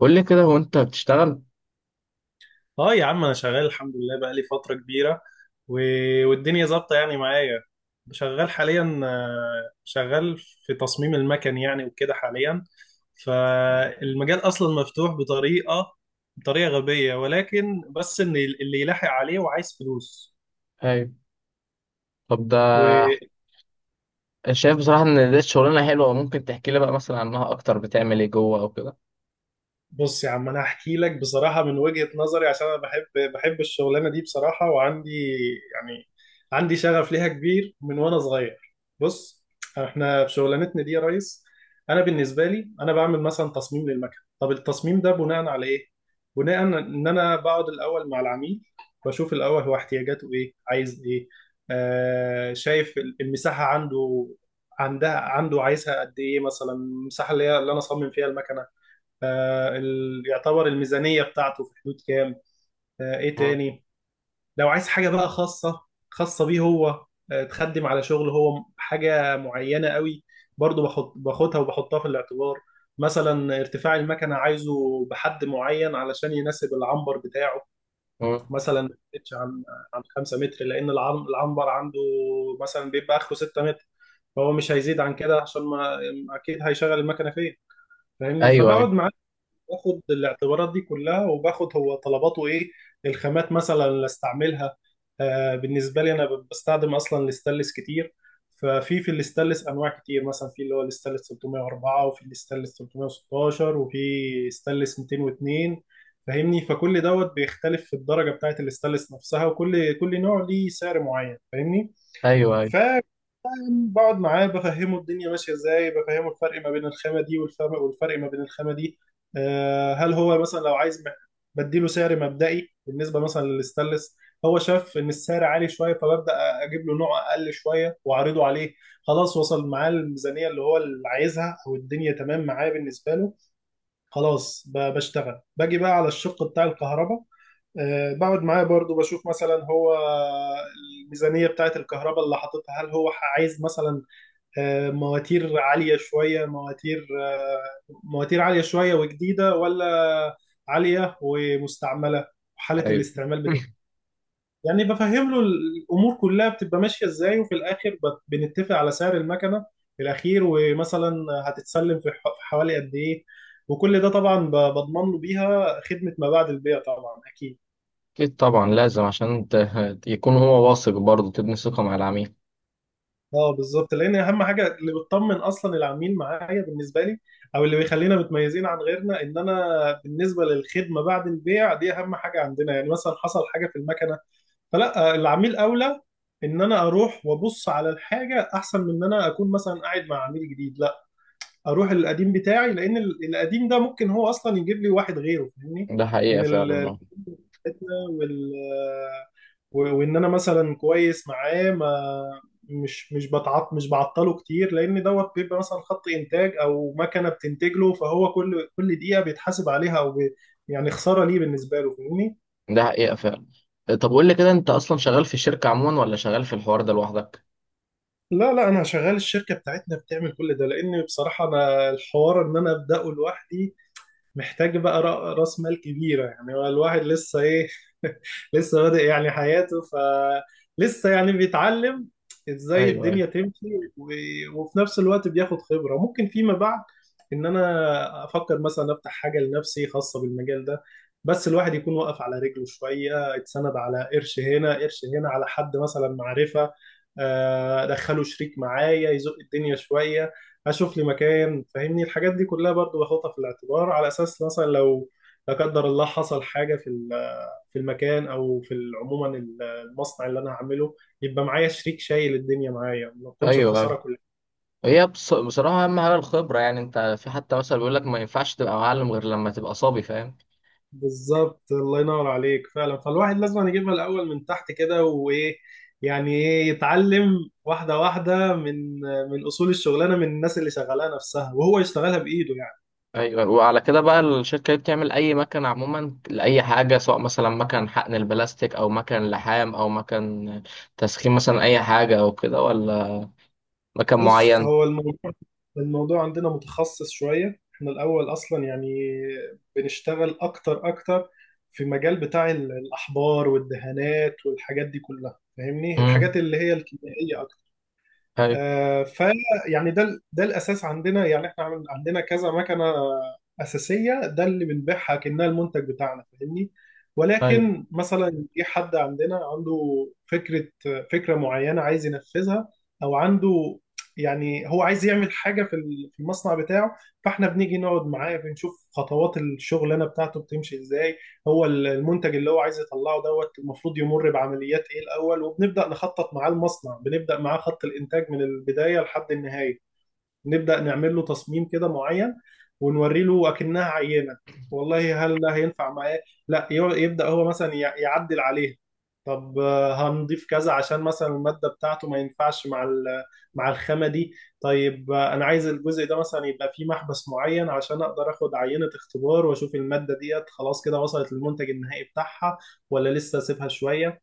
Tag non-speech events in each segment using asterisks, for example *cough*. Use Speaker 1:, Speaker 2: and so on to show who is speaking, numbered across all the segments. Speaker 1: قول لي كده، هو انت بتشتغل؟
Speaker 2: اه يا عم، انا شغال الحمد لله بقالي فترة كبيرة. و... والدنيا ظابطة يعني معايا. شغال حاليا، شغال في تصميم المكن يعني وكده حاليا. فالمجال اصلا مفتوح بطريقة غبية، ولكن بس ان اللي يلاحق عليه وعايز فلوس.
Speaker 1: ايوه. طب ده، شايف بصراحة ان دي شغلانة حلوة. ممكن تحكي لي بقى مثلا عنها اكتر؟ بتعمل ايه جوه او كده؟
Speaker 2: بص يا عم، انا هحكي لك بصراحه من وجهه نظري عشان انا بحب الشغلانه دي بصراحه، وعندي يعني عندي شغف ليها كبير من وانا صغير. بص، احنا في شغلانتنا دي يا ريس، انا بالنسبه لي انا بعمل مثلا تصميم للمكن. طب التصميم ده بناء على ايه؟ بناء ان انا بقعد الاول مع العميل، بشوف الاول هو احتياجاته ايه، عايز ايه. آه شايف المساحه عنده عنده، عايزها قد ايه، مثلا المساحه اللي هي اللي انا اصمم فيها المكنه. يعتبر الميزانية بتاعته في حدود كام، ايه
Speaker 1: مم.
Speaker 2: تاني. لو عايز حاجة بقى خاصة، خاصة بيه هو، تخدم على شغل هو حاجة معينة قوي، برضو باخدها وبحطها في الاعتبار. مثلا ارتفاع المكنة عايزه بحد معين علشان يناسب العنبر بتاعه،
Speaker 1: مم.
Speaker 2: مثلا ما يزيدش عن 5 متر، لأن العنبر عنده مثلا بيبقى آخره 6 متر، فهو مش هيزيد عن كده. عشان ما أكيد هيشغل المكنة فين، فاهمني؟
Speaker 1: ايوه. ايوه.
Speaker 2: فبقعد معاه، باخد الاعتبارات دي كلها، وباخد هو طلباته ايه، الخامات مثلا اللي استعملها. آه بالنسبه لي انا بستخدم اصلا الاستانلس كتير. ففي الاستانلس انواع كتير، مثلا في اللي هو الاستانلس 304، وفي الاستانلس 316، وفي استانلس 202. فاهمني؟ فكل دوت بيختلف في الدرجه بتاعت الاستانلس نفسها، وكل كل نوع ليه سعر معين، فاهمني؟
Speaker 1: ايوه. ايوه.
Speaker 2: بقعد معاه بفهمه الدنيا ماشيه ازاي، بفهمه الفرق ما بين الخامه دي والفرق ما بين الخامه دي، هل هو مثلا لو عايز بديله سعر مبدئي بالنسبه مثلا للستانلس. هو شاف ان السعر عالي شويه، فببدا اجيب له نوع اقل شويه واعرضه عليه. خلاص وصل معاه الميزانيه اللي هو اللي عايزها او الدنيا تمام معاه بالنسبه له. خلاص، بشتغل باجي بقى على الشق بتاع الكهرباء. بقعد معاه برضو بشوف مثلا هو الميزانية بتاعت الكهرباء اللي حاططها، هل هو عايز مثلا، مواتير عالية شوية، مواتير، مواتير عالية شوية وجديدة، ولا عالية ومستعملة، حالة
Speaker 1: ايوه.
Speaker 2: الاستعمال بتاعها.
Speaker 1: *laughs*
Speaker 2: يعني بفهم له الأمور كلها بتبقى ماشية إزاي، وفي الآخر بنتفق على سعر المكنة الأخير، ومثلا هتتسلم في في حوالي قد إيه. وكل ده طبعا بضمن له بيها خدمة ما بعد البيع طبعا، أكيد.
Speaker 1: اكيد طبعا، لازم عشان انت يكون هو واثق، برضه تبني ثقة مع العميل.
Speaker 2: اه بالظبط، لان اهم حاجه اللي بتطمن اصلا العميل معايا بالنسبه لي، او اللي بيخلينا متميزين عن غيرنا، ان انا بالنسبه للخدمه بعد البيع دي اهم حاجه عندنا. يعني مثلا حصل حاجه في المكنه، فلا، العميل اولى، ان انا اروح وابص على الحاجه احسن من ان انا اكون مثلا قاعد مع عميل جديد. لا، اروح القديم بتاعي، لان القديم ده ممكن هو اصلا يجيب لي واحد غيره، فاهمني؟
Speaker 1: ده حقيقة
Speaker 2: من
Speaker 1: فعلا،
Speaker 2: ال-
Speaker 1: اه.
Speaker 2: وال و- وان انا مثلا كويس معاه، ما مش مش بتعط مش بعطله كتير، لان دوت بيبقى مثلا خط انتاج او مكنه بتنتج له، فهو كل دقيقه بيتحاسب عليها، او بي يعني خساره ليه بالنسبه له، فاهمني؟
Speaker 1: ده حقيقة فعلا. طب قول لي كده، انت اصلا شغال في الشركة عموما ولا شغال في الحوار ده لوحدك؟
Speaker 2: لا لا انا شغال، الشركه بتاعتنا بتعمل كل ده، لان بصراحه انا الحوار ان انا ابداه لوحدي محتاج بقى راس مال كبيرة. يعني هو الواحد لسه ايه، *laughs* لسه بادئ يعني حياته، فلسه يعني بيتعلم ازاي
Speaker 1: ايوه. ايوه.
Speaker 2: الدنيا تمشي. وفي نفس الوقت بياخد خبرة، ممكن فيما بعد ان انا افكر مثلا افتح حاجة لنفسي خاصة بالمجال ده. بس الواحد يكون واقف على رجله شوية، اتسند على قرش هنا قرش هنا، على حد مثلا معرفة، ادخله شريك معايا، يزق الدنيا شوية، اشوف لي مكان، فاهمني؟ الحاجات دي كلها برضو باخدها في الاعتبار، على اساس مثلا لو لا قدر الله حصل حاجه في في المكان، او في عموما المصنع اللي انا هعمله، يبقى معايا شريك شايل الدنيا معايا، ما تكونش
Speaker 1: ايوه. ايوه.
Speaker 2: الخساره كلها.
Speaker 1: بصراحة اهم حاجة الخبرة، يعني انت في حتى مثلا بيقول لك ما ينفعش تبقى معلم غير لما تبقى صبي، فاهم؟
Speaker 2: بالظبط، الله ينور عليك فعلا، فالواحد لازم يجيبها الاول من تحت كده وايه، يعني ايه، يتعلم واحده واحده من اصول الشغلانه، من الناس اللي شغالها نفسها، وهو يشتغلها بايده يعني.
Speaker 1: ايوه. وعلى كده بقى الشركه دي بتعمل اي مكن عموما لاي حاجه، سواء مثلا مكن حقن البلاستيك او مكن لحام او مكن تسخين مثلا، اي حاجه او كده، ولا مكن
Speaker 2: بص
Speaker 1: معين؟
Speaker 2: هو الموضوع عندنا متخصص شوية. احنا الأول أصلا يعني بنشتغل أكتر أكتر في مجال بتاع الأحبار والدهانات والحاجات دي كلها، فاهمني؟ الحاجات
Speaker 1: امم.
Speaker 2: اللي هي الكيميائية.
Speaker 1: ايوه.
Speaker 2: آه، ف يعني ده ده الاساس عندنا. يعني احنا عندنا كذا مكنه اساسيه ده اللي بنبيعها كانها المنتج بتاعنا، فاهمني؟
Speaker 1: ايوه.
Speaker 2: ولكن مثلا جه حد عندنا عنده فكره فكره معينه عايز ينفذها، او عنده يعني هو عايز يعمل حاجه في في المصنع بتاعه. فاحنا بنيجي نقعد معاه، بنشوف خطوات الشغلانه بتاعته بتمشي ازاي، هو المنتج اللي هو عايز يطلعه دوت المفروض يمر بعمليات ايه الاول، وبنبدا نخطط معاه المصنع، بنبدا معاه خط الانتاج من البدايه لحد النهايه. نبدأ نعمل له تصميم كده معين، ونوري له أكنها عينة، والله هل ده هينفع معاه. لا، يبدأ هو مثلا يعدل عليها. طب، هنضيف كذا عشان مثلا المادة بتاعته ما ينفعش مع مع الخامة دي. طيب، أنا عايز الجزء ده مثلا يبقى فيه محبس معين عشان أقدر أخد عينة اختبار، وأشوف المادة ديت خلاص كده وصلت للمنتج النهائي بتاعها، ولا لسه أسيبها شوية.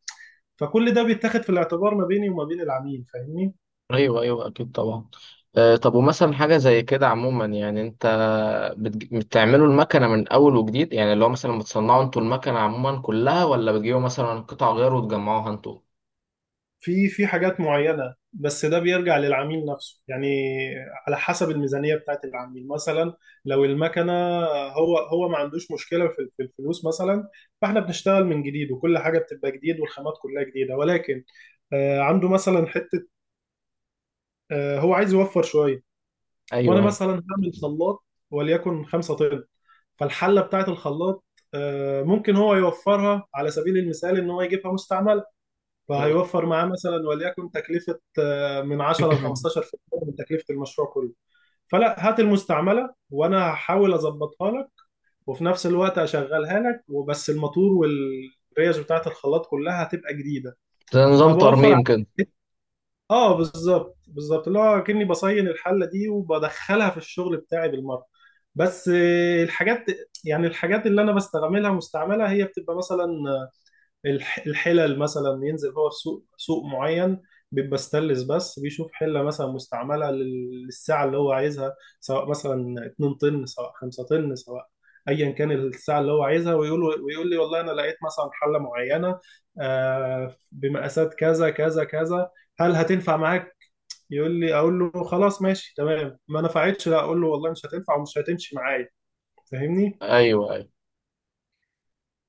Speaker 2: فكل ده بيتاخد في الاعتبار ما بيني وما بين العميل، فاهمني؟
Speaker 1: ايوه. ايوه اكيد طبعا. آه طب، ومثلا حاجه زي كده عموما، يعني انت بتعملوا المكنه من اول وجديد، يعني اللي هو مثلا بتصنعوا انتوا المكنه عموما كلها، ولا بتجيبوا مثلا قطع غيار وتجمعوها انتوا؟
Speaker 2: في حاجات معينة، بس ده بيرجع للعميل نفسه يعني، على حسب الميزانية بتاعت العميل. مثلا لو المكنة، هو ما عندوش مشكلة في الفلوس مثلا، فاحنا بنشتغل من جديد، وكل حاجة بتبقى جديد، والخامات كلها جديدة. ولكن عنده مثلا حتة، هو عايز يوفر شوية. وانا
Speaker 1: ايوه. ايوه.
Speaker 2: مثلا هعمل خلاط وليكن 5 طن، فالحلة بتاعت الخلاط، ممكن هو يوفرها على سبيل المثال، ان هو يجيبها مستعملة.
Speaker 1: مم.
Speaker 2: فهيوفر معاه مثلا وليكن تكلفة، من 10 ل 15% من تكلفة المشروع كله. فلا، هات المستعملة وأنا هحاول أظبطها لك، وفي نفس الوقت أشغلها لك، وبس الماتور والريش بتاعة الخلاط كلها هتبقى جديدة،
Speaker 1: *coughs* زي نظام
Speaker 2: فبوفر
Speaker 1: ترميم كده؟
Speaker 2: عليك. اه بالظبط بالظبط، اللي هو كأني بصين الحلة دي وبدخلها في الشغل بتاعي بالمرة. بس الحاجات، يعني الحاجات اللي أنا بستعملها مستعملة، هي بتبقى مثلا الحلل، مثلا ينزل هو في سوق معين بيبقى ستانلس بس، بيشوف حله مثلا مستعمله للساعه اللي هو عايزها، سواء مثلا 2 طن، سواء 5 طن، سواء ايا كان الساعه اللي هو عايزها. ويقول لي والله انا لقيت مثلا حله معينه بمقاسات كذا كذا كذا، هل هتنفع معاك؟ يقول لي، اقول له خلاص ماشي تمام. ما نفعتش، لا، اقول له والله مش هتنفع ومش هتمشي معايا، فاهمني؟
Speaker 1: ايوه. ايوه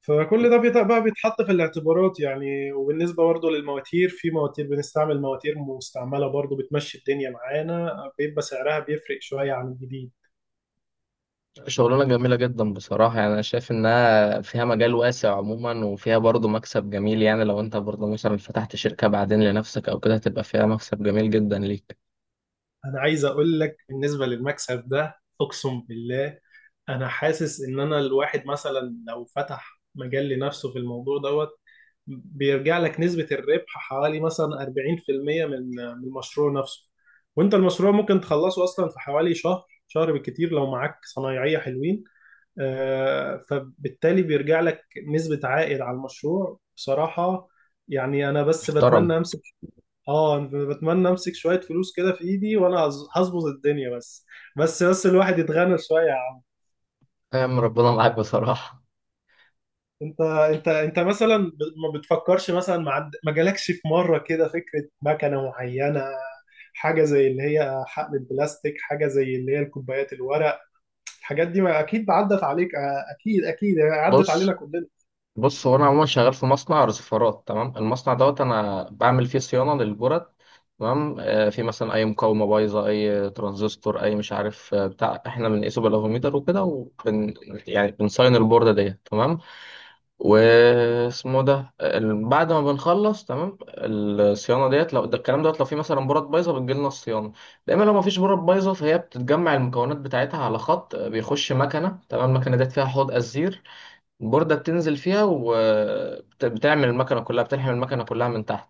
Speaker 2: فكل ده بقى بيتحط في الاعتبارات يعني. وبالنسبة برضه للمواتير، في مواتير بنستعمل مواتير مستعملة برضه بتمشي الدنيا معانا، بيبقى سعرها بيفرق شوية عن الجديد.
Speaker 1: شغلانة جميلة جدا بصراحة، يعني أنا شايف إنها فيها مجال واسع عموما وفيها برضه مكسب جميل. يعني لو أنت برضه مثلا فتحت شركة بعدين لنفسك أو كده، هتبقى فيها مكسب جميل جدا ليك.
Speaker 2: أنا عايز أقول لك بالنسبة للمكسب ده، أقسم بالله أنا حاسس إن أنا الواحد مثلا لو فتح مجال لنفسه في الموضوع دوت، بيرجع لك نسبة الربح حوالي مثلا 40% من المشروع نفسه. وأنت المشروع ممكن تخلصه أصلا في حوالي شهر بالكتير لو معاك صنايعية حلوين. فبالتالي بيرجع لك نسبة عائد على المشروع بصراحة. يعني انا بس
Speaker 1: محترم.
Speaker 2: بتمنى امسك. اه أنا بتمنى امسك شوية فلوس كده في ايدي، وانا هظبط الدنيا بس الواحد يتغنى شوية يا عم.
Speaker 1: فاهم، ربنا معاك بصراحة.
Speaker 2: انت مثلا ما بتفكرش مثلا، ما جالكش في مرة كده فكرة مكنة معينة، حاجة زي اللي هي حقل البلاستيك، حاجة زي اللي هي الكوبايات الورق؟ الحاجات دي ما اكيد عدت عليك، اكيد اكيد يعني عدت علينا
Speaker 1: بص
Speaker 2: كلنا.
Speaker 1: بص هو أنا عموما شغال في مصنع رصفارات، تمام؟ المصنع دوت أنا بعمل فيه صيانة للبرد، تمام؟ آه، في مثلا أي مقاومة بايظة، أي ترانزستور، أي مش عارف آه، بتاع، إحنا بنقيسه بالأفوميتر وكده، وبن يعني بنصين البوردة ديت، تمام؟ بعد ما بنخلص تمام الصيانه ديت، لو ده الكلام دوت، لو في مثلا بورات بايظه بتجيلنا الصيانه دايما. لو ما فيش بورات بايظه، فهي بتتجمع المكونات بتاعتها على خط بيخش مكنه، تمام؟ المكنه ديت فيها حوض ازير، بوردة بتنزل فيها وبتعمل المكنة كلها، بتلحم المكنة كلها من تحت.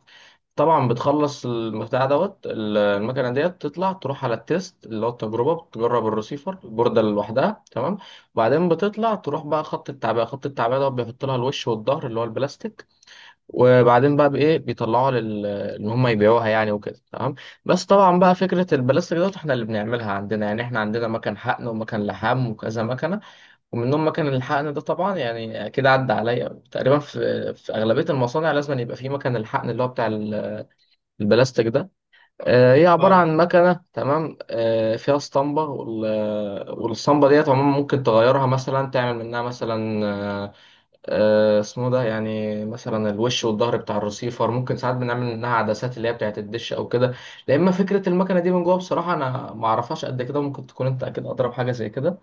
Speaker 1: طبعا بتخلص البتاع دوت، المكنة ديت تطلع تروح على التيست اللي هو التجربة، بتجرب الرسيفر البوردة لوحدها، تمام؟ وبعدين بتطلع تروح بقى خط التعبئة. خط التعبئة دوت بيحط لها الوش والظهر اللي هو البلاستيك. وبعدين بقى بإيه بيطلعوها لل إن هم يبيعوها يعني وكده، تمام. بس طبعا بقى فكرة البلاستيك دوت احنا اللي بنعملها عندنا، يعني احنا عندنا مكان حقن ومكان لحام وكذا مكنة. ومنهم مكان الحقن ده طبعا، يعني اكيد عدى عليا تقريبا، في اغلبيه المصانع لازم يبقى في مكان الحقن اللي هو بتاع البلاستيك ده. آه، هي عباره عن مكنه، تمام؟ آه، فيها اسطمبه، والاسطمبه ديت عموما ممكن تغيرها، مثلا تعمل منها مثلا آه، آه، اسمه ده، يعني مثلا الوش والظهر بتاع الرسيفر، ممكن ساعات بنعمل منها عدسات اللي هي بتاعت الدش او كده. لا اما فكره المكنه دي من جوه بصراحه انا ما اعرفهاش قد كده. ممكن تكون انت اكيد اضرب حاجه زي كده،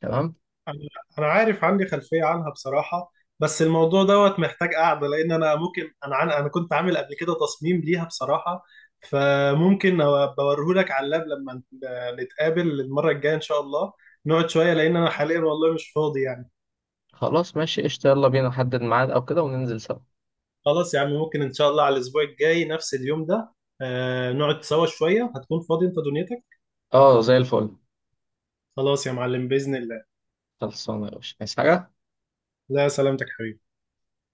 Speaker 1: تمام؟
Speaker 2: أنا أنا عارف عندي خلفية عنها بصراحة. بس الموضوع دوت محتاج قعدة، لأن أنا ممكن أنا أنا كنت عامل قبل كده تصميم ليها بصراحة. فممكن بوريهولك على اللاب لما نتقابل المرة الجاية إن شاء الله، نقعد شوية، لأن أنا حاليا والله مش فاضي يعني.
Speaker 1: خلاص ماشي قشطة، يلا بينا نحدد ميعاد أو كده وننزل سوا.
Speaker 2: خلاص يا عم، ممكن إن شاء الله على الأسبوع الجاي نفس اليوم ده، نقعد سوا شوية. هتكون فاضي أنت دنيتك؟
Speaker 1: اه زي الفل.
Speaker 2: خلاص يا معلم بإذن الله.
Speaker 1: خلصانة يا باشا، عايز حاجة؟
Speaker 2: لا، سلامتك حبيبي.